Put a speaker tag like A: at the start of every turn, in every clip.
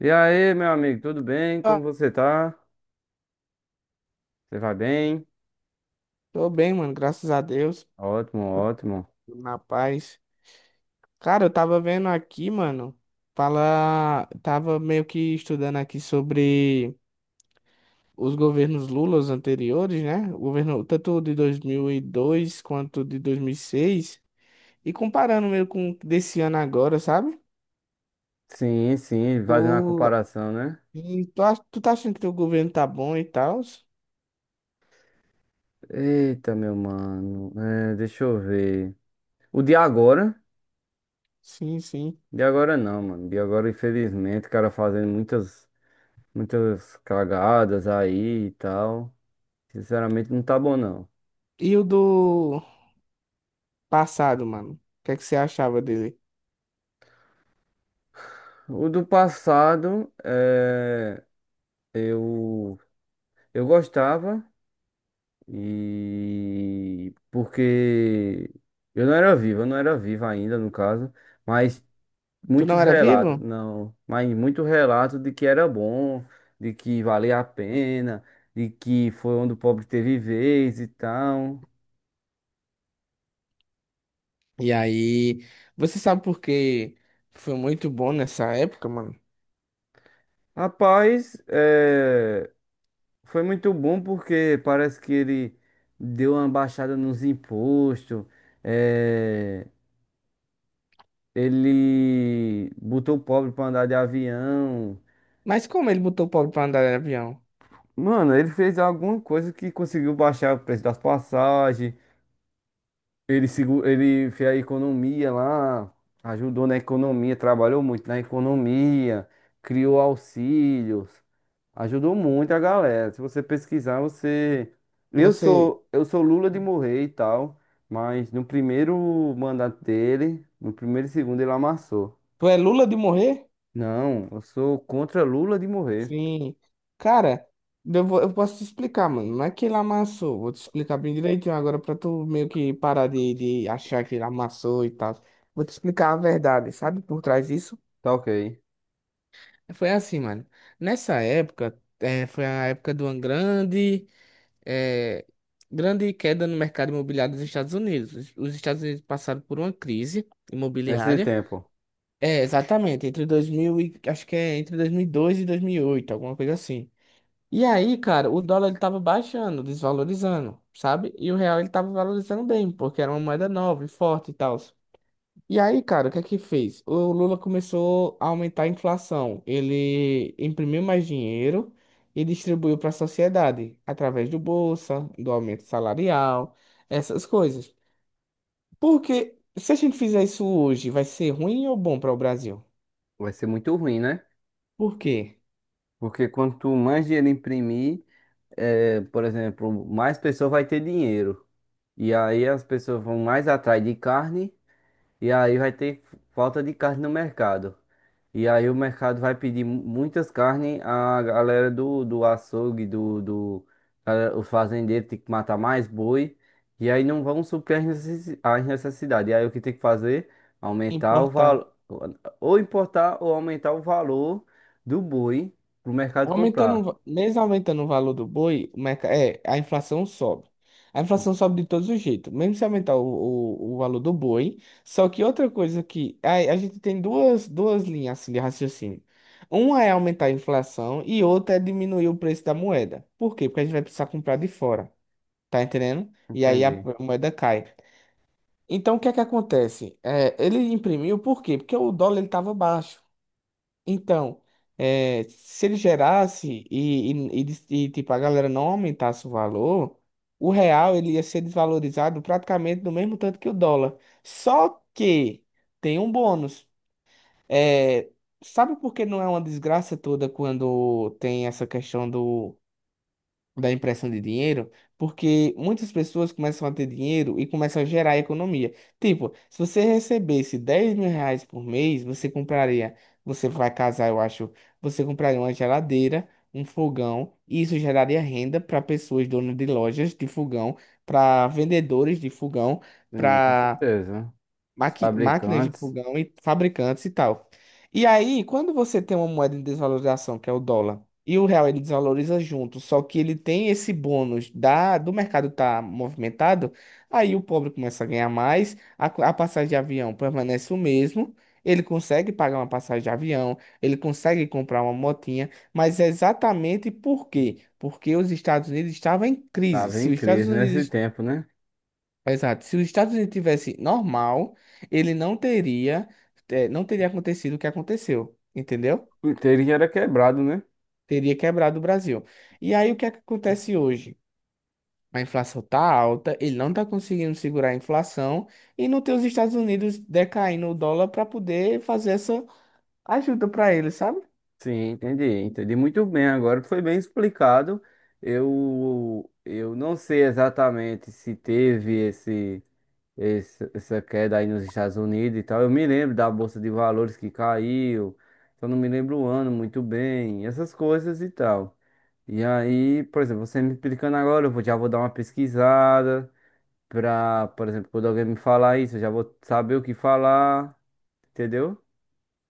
A: E aí, meu amigo, tudo bem? Como
B: Ah,
A: você tá? Você vai bem?
B: Tô bem, mano, graças a Deus,
A: Ótimo, ótimo.
B: tudo na paz. Cara, eu tava vendo aqui, mano, fala, tava meio que estudando aqui sobre os governos Lula, os anteriores, né? O governo tanto de 2002 quanto de 2006 e seis, e comparando meio com desse ano agora, sabe?
A: Sim, sim,
B: Tu,
A: fazendo a comparação, né?
B: tu tá achando que teu governo tá bom e tal?
A: Eita, meu mano, é, deixa eu ver. O de agora?
B: Sim, sim.
A: De agora não, mano. De agora, infelizmente, o cara fazendo muitas cagadas aí e tal. Sinceramente, não tá bom, não.
B: E o do passado, mano? O que é que você achava dele?
A: O do passado, é, eu, eu gostava. E porque eu não era vivo, eu não era vivo ainda, no caso, mas
B: Tu não
A: muitos
B: era
A: relatos,
B: vivo?
A: não, mas muito relato de que era bom, de que valia a pena, de que foi onde o pobre teve vez e tal.
B: E aí, você sabe por que foi muito bom nessa época, mano?
A: Rapaz, é, foi muito bom porque parece que ele deu uma baixada nos impostos, é, ele botou o pobre para andar de avião.
B: Mas como ele botou o pobre pra andar de avião?
A: Mano, ele fez alguma coisa que conseguiu baixar o preço das passagens. Ele fez a economia lá, ajudou na economia, trabalhou muito na economia, criou auxílios, ajudou muito a galera. Se você pesquisar, você. Eu
B: Você.
A: sou, eu sou Lula de morrer e tal, mas no primeiro mandato dele, no primeiro e segundo, ele amassou.
B: Tu é Lula de morrer?
A: Não, eu sou contra Lula de morrer.
B: Sim. Cara, eu posso te explicar, mano. Não é que ele amassou. Vou te explicar bem direitinho agora pra tu meio que parar de achar que ele amassou e tal. Vou te explicar a verdade, sabe? Por trás disso.
A: Tá, ok.
B: Foi assim, mano. Nessa época, foi a época do Angrande. É, grande queda no mercado imobiliário dos Estados Unidos. Os Estados Unidos passaram por uma crise
A: Nesse
B: imobiliária.
A: tempo,
B: É, exatamente, entre 2000 e, acho que é entre 2002 e 2008, alguma coisa assim. E aí, cara, o dólar ele tava baixando, desvalorizando, sabe? E o real ele tava valorizando bem, porque era uma moeda nova e forte e tal. E aí, cara, o que é que fez? O Lula começou a aumentar a inflação. Ele imprimiu mais dinheiro e distribuiu para a sociedade, através do Bolsa, do aumento salarial, essas coisas. Porque se a gente fizer isso hoje, vai ser ruim ou bom para o Brasil?
A: vai ser muito ruim, né?
B: Por quê?
A: Porque quanto mais dinheiro imprimir, é, por exemplo, mais pessoa vai ter dinheiro. E aí as pessoas vão mais atrás de carne e aí vai ter falta de carne no mercado. E aí o mercado vai pedir muitas carnes, a galera do açougue, o fazendeiro tem que matar mais boi, e aí não vão suprir as as necessidades. E aí o que tem que fazer? Aumentar o
B: Importar.
A: valor, ou importar ou aumentar o valor do boi para o mercado
B: Aumentando,
A: comprar.
B: mesmo aumentando o valor do boi, a inflação sobe. A inflação sobe de todos os jeitos, mesmo se aumentar o valor do boi. Só que outra coisa que a gente tem duas linhas assim, de raciocínio. Uma é aumentar a inflação e outra é diminuir o preço da moeda. Por quê? Porque a gente vai precisar comprar de fora, tá entendendo? E aí a
A: Entendi.
B: moeda cai. Então o que é que acontece? É, ele imprimiu por quê? Porque o dólar ele estava baixo. Então, é, se ele gerasse e tipo, a galera não aumentasse o valor, o real ele ia ser desvalorizado praticamente do mesmo tanto que o dólar. Só que tem um bônus. É, sabe por que não é uma desgraça toda quando tem essa questão da impressão de dinheiro, porque muitas pessoas começam a ter dinheiro e começam a gerar economia. Tipo, se você recebesse 10 mil reais por mês, você compraria, você vai casar, eu acho, você compraria uma geladeira, um fogão, e isso geraria renda para pessoas donas de lojas de fogão, para vendedores de fogão,
A: Sim, com
B: para
A: certeza. Os
B: máquinas de
A: fabricantes
B: fogão e fabricantes e tal. E aí, quando você tem uma moeda em desvalorização, que é o dólar, e o real ele desvaloriza junto, só que ele tem esse bônus da do mercado estar movimentado, aí o pobre começa a ganhar mais, a passagem de avião permanece o mesmo. Ele consegue pagar uma passagem de avião, ele consegue comprar uma motinha, mas é exatamente por quê? Porque os Estados Unidos estavam em crise.
A: estavam
B: Se
A: em
B: os Estados
A: crise nesse
B: Unidos.
A: tempo, né?
B: Exato. Se os Estados Unidos tivesse normal, ele não teria acontecido o que aconteceu, entendeu?
A: O inteiro já era quebrado, né?
B: Teria quebrado o Brasil. E aí o que é que acontece hoje? A inflação tá alta, ele não tá conseguindo segurar a inflação e não tem os Estados Unidos decaindo o dólar para poder fazer essa ajuda para ele, sabe?
A: Sim, entendi muito bem. Agora foi bem explicado. Eu não sei exatamente se teve esse, essa queda aí nos Estados Unidos e tal. Eu me lembro da Bolsa de Valores que caiu, só não me lembro o ano muito bem, essas coisas e tal. E aí, por exemplo, você me explicando agora, já vou dar uma pesquisada pra, por exemplo, quando alguém me falar isso, eu já vou saber o que falar, entendeu?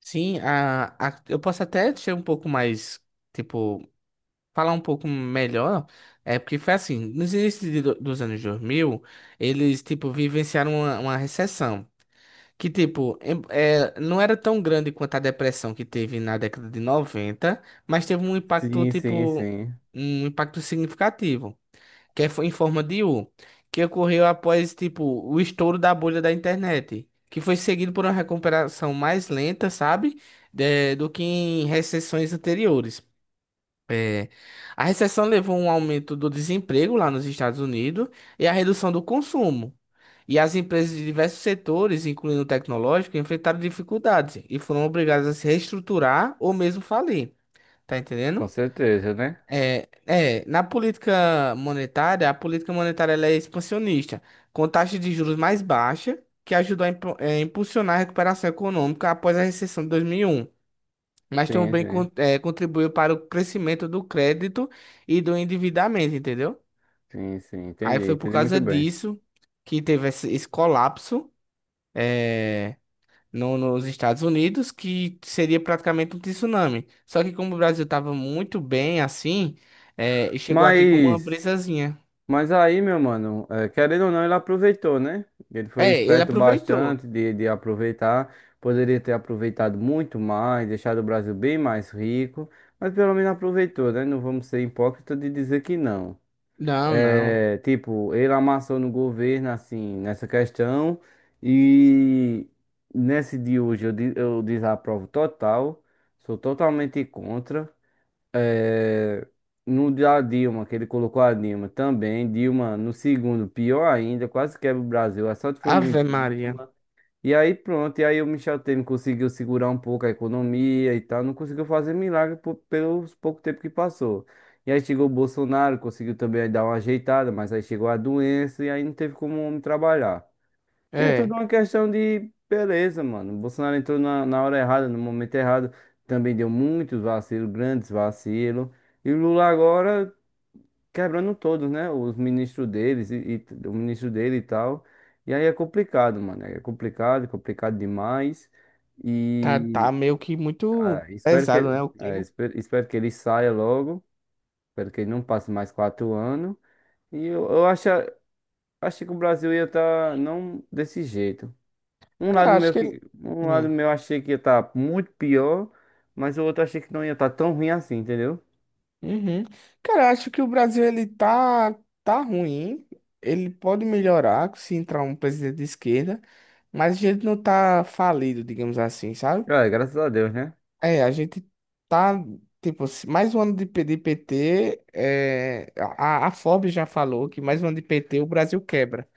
B: Sim, eu posso até ser um pouco mais, tipo, falar um pouco melhor, é porque foi assim, nos inícios dos anos 2000, eles, tipo, vivenciaram uma recessão, que, tipo, não era tão grande quanto a depressão que teve na década de 90, mas teve um impacto,
A: Sim, sim,
B: tipo,
A: sim.
B: um impacto significativo, que foi em forma de U, que ocorreu após, tipo, o estouro da bolha da internet, que foi seguido por uma recuperação mais lenta, sabe, do que em recessões anteriores. É, a recessão levou a um aumento do desemprego lá nos Estados Unidos e a redução do consumo. E as empresas de diversos setores, incluindo o tecnológico, enfrentaram dificuldades e foram obrigadas a se reestruturar ou mesmo falir. Tá
A: Com
B: entendendo?
A: certeza, né?
B: É, na política monetária, a política monetária ela é expansionista, com taxa de juros mais baixa, que ajudou a impulsionar a recuperação econômica após a recessão de 2001, mas
A: Sim,
B: também
A: sim,
B: contribuiu para o crescimento do crédito e do endividamento, entendeu?
A: sim, sim,
B: Aí
A: entendi,
B: foi por
A: entendi muito
B: causa
A: bem.
B: disso que teve esse colapso, eh, nos Estados Unidos, que seria praticamente um tsunami. Só que como o Brasil estava muito bem assim, chegou aqui como uma
A: Mas,
B: brisazinha.
A: mas aí, meu mano, querendo ou não, ele aproveitou, né? Ele foi
B: É, ele
A: esperto
B: aproveitou.
A: bastante de aproveitar. Poderia ter aproveitado muito mais, deixado o Brasil bem mais rico, mas pelo menos aproveitou, né? Não vamos ser hipócritas de dizer que não.
B: Não, não.
A: É, tipo, ele amassou no governo, assim, nessa questão, e nesse de hoje eu desaprovo total, sou totalmente contra. É, no da Dilma, que ele colocou a Dilma também. Dilma, no segundo, pior ainda, quase quebra o Brasil. A sorte foi o
B: Ave Maria.
A: impeachment. E aí pronto, e aí o Michel Temer conseguiu segurar um pouco a economia e tal. Não conseguiu fazer milagre por, pelos pouco tempo que passou. E aí chegou o Bolsonaro, conseguiu também dar uma ajeitada, mas aí chegou a doença e aí não teve como o homem trabalhar. E é tudo
B: É,
A: uma questão de beleza, mano. O Bolsonaro entrou na hora errada, no momento errado. Também deu muitos vacilos, grandes vacilos. E o Lula agora quebrando todos, né? Os ministros deles e o ministro dele e tal. E aí é complicado, mano. É complicado, complicado demais.
B: tá,
A: E
B: tá meio que muito
A: ah, espero
B: pesado,
A: que,
B: né, o
A: ah,
B: clima.
A: espero que ele saia logo. Espero que ele não passe mais 4 anos. E eu acho, acho que o Brasil ia estar não desse jeito. Um lado
B: Cara, acho
A: meu
B: que ele...
A: que, um lado
B: Hum.
A: meu achei que ia estar muito pior, mas o outro achei que não ia estar tão ruim assim, entendeu?
B: Uhum. Cara, acho que o Brasil ele tá ruim. Ele pode melhorar se entrar um presidente de esquerda, mas a gente não tá falido, digamos assim, sabe?
A: É, graças a Deus, né?
B: É, a gente tá, tipo, mais um ano de PT, é, a Forbes já falou que mais um ano de PT o Brasil quebra.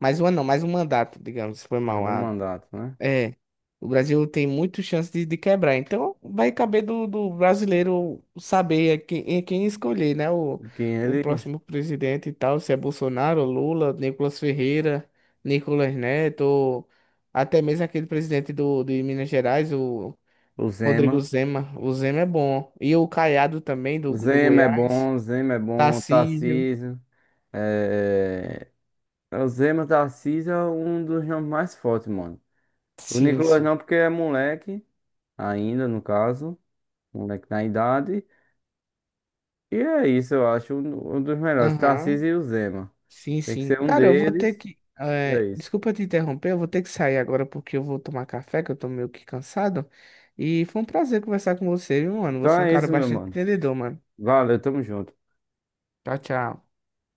B: Mais um ano não, mais um mandato, digamos, foi
A: Mais um
B: mal,
A: mandato, né?
B: é, o Brasil tem muito chance de quebrar. Então, vai caber do brasileiro saber a quem, em quem escolher, né? O,
A: Que
B: o
A: eles,
B: próximo presidente e tal, se é Bolsonaro, Lula, Nicolas Ferreira, Nicolas Neto, ou até mesmo aquele presidente de Minas Gerais, o
A: o
B: Rodrigo
A: Zema,
B: Zema. O Zema é bom. E o Caiado também, do Goiás.
A: Zema é bom,
B: Tarcísio.
A: Tarcísio, é... O Zema, Tarcísio é um dos nomes mais fortes, mano. O
B: Sim,
A: Nicolas
B: sim.
A: não, porque é moleque, ainda no caso, moleque na idade. E é isso, eu acho um dos melhores,
B: Aham.
A: Tarcísio e o Zema.
B: Sim,
A: Tem que
B: sim.
A: ser um
B: Cara, eu vou ter
A: deles,
B: que.
A: é
B: Eh,
A: isso.
B: desculpa te interromper, eu vou ter que sair agora porque eu vou tomar café, que eu tô meio que cansado. E foi um prazer conversar com você, viu, mano?
A: Então
B: Você é um
A: é
B: cara
A: isso, meu
B: bastante
A: mano.
B: entendedor, mano.
A: Valeu, tamo junto.
B: Tchau, tchau.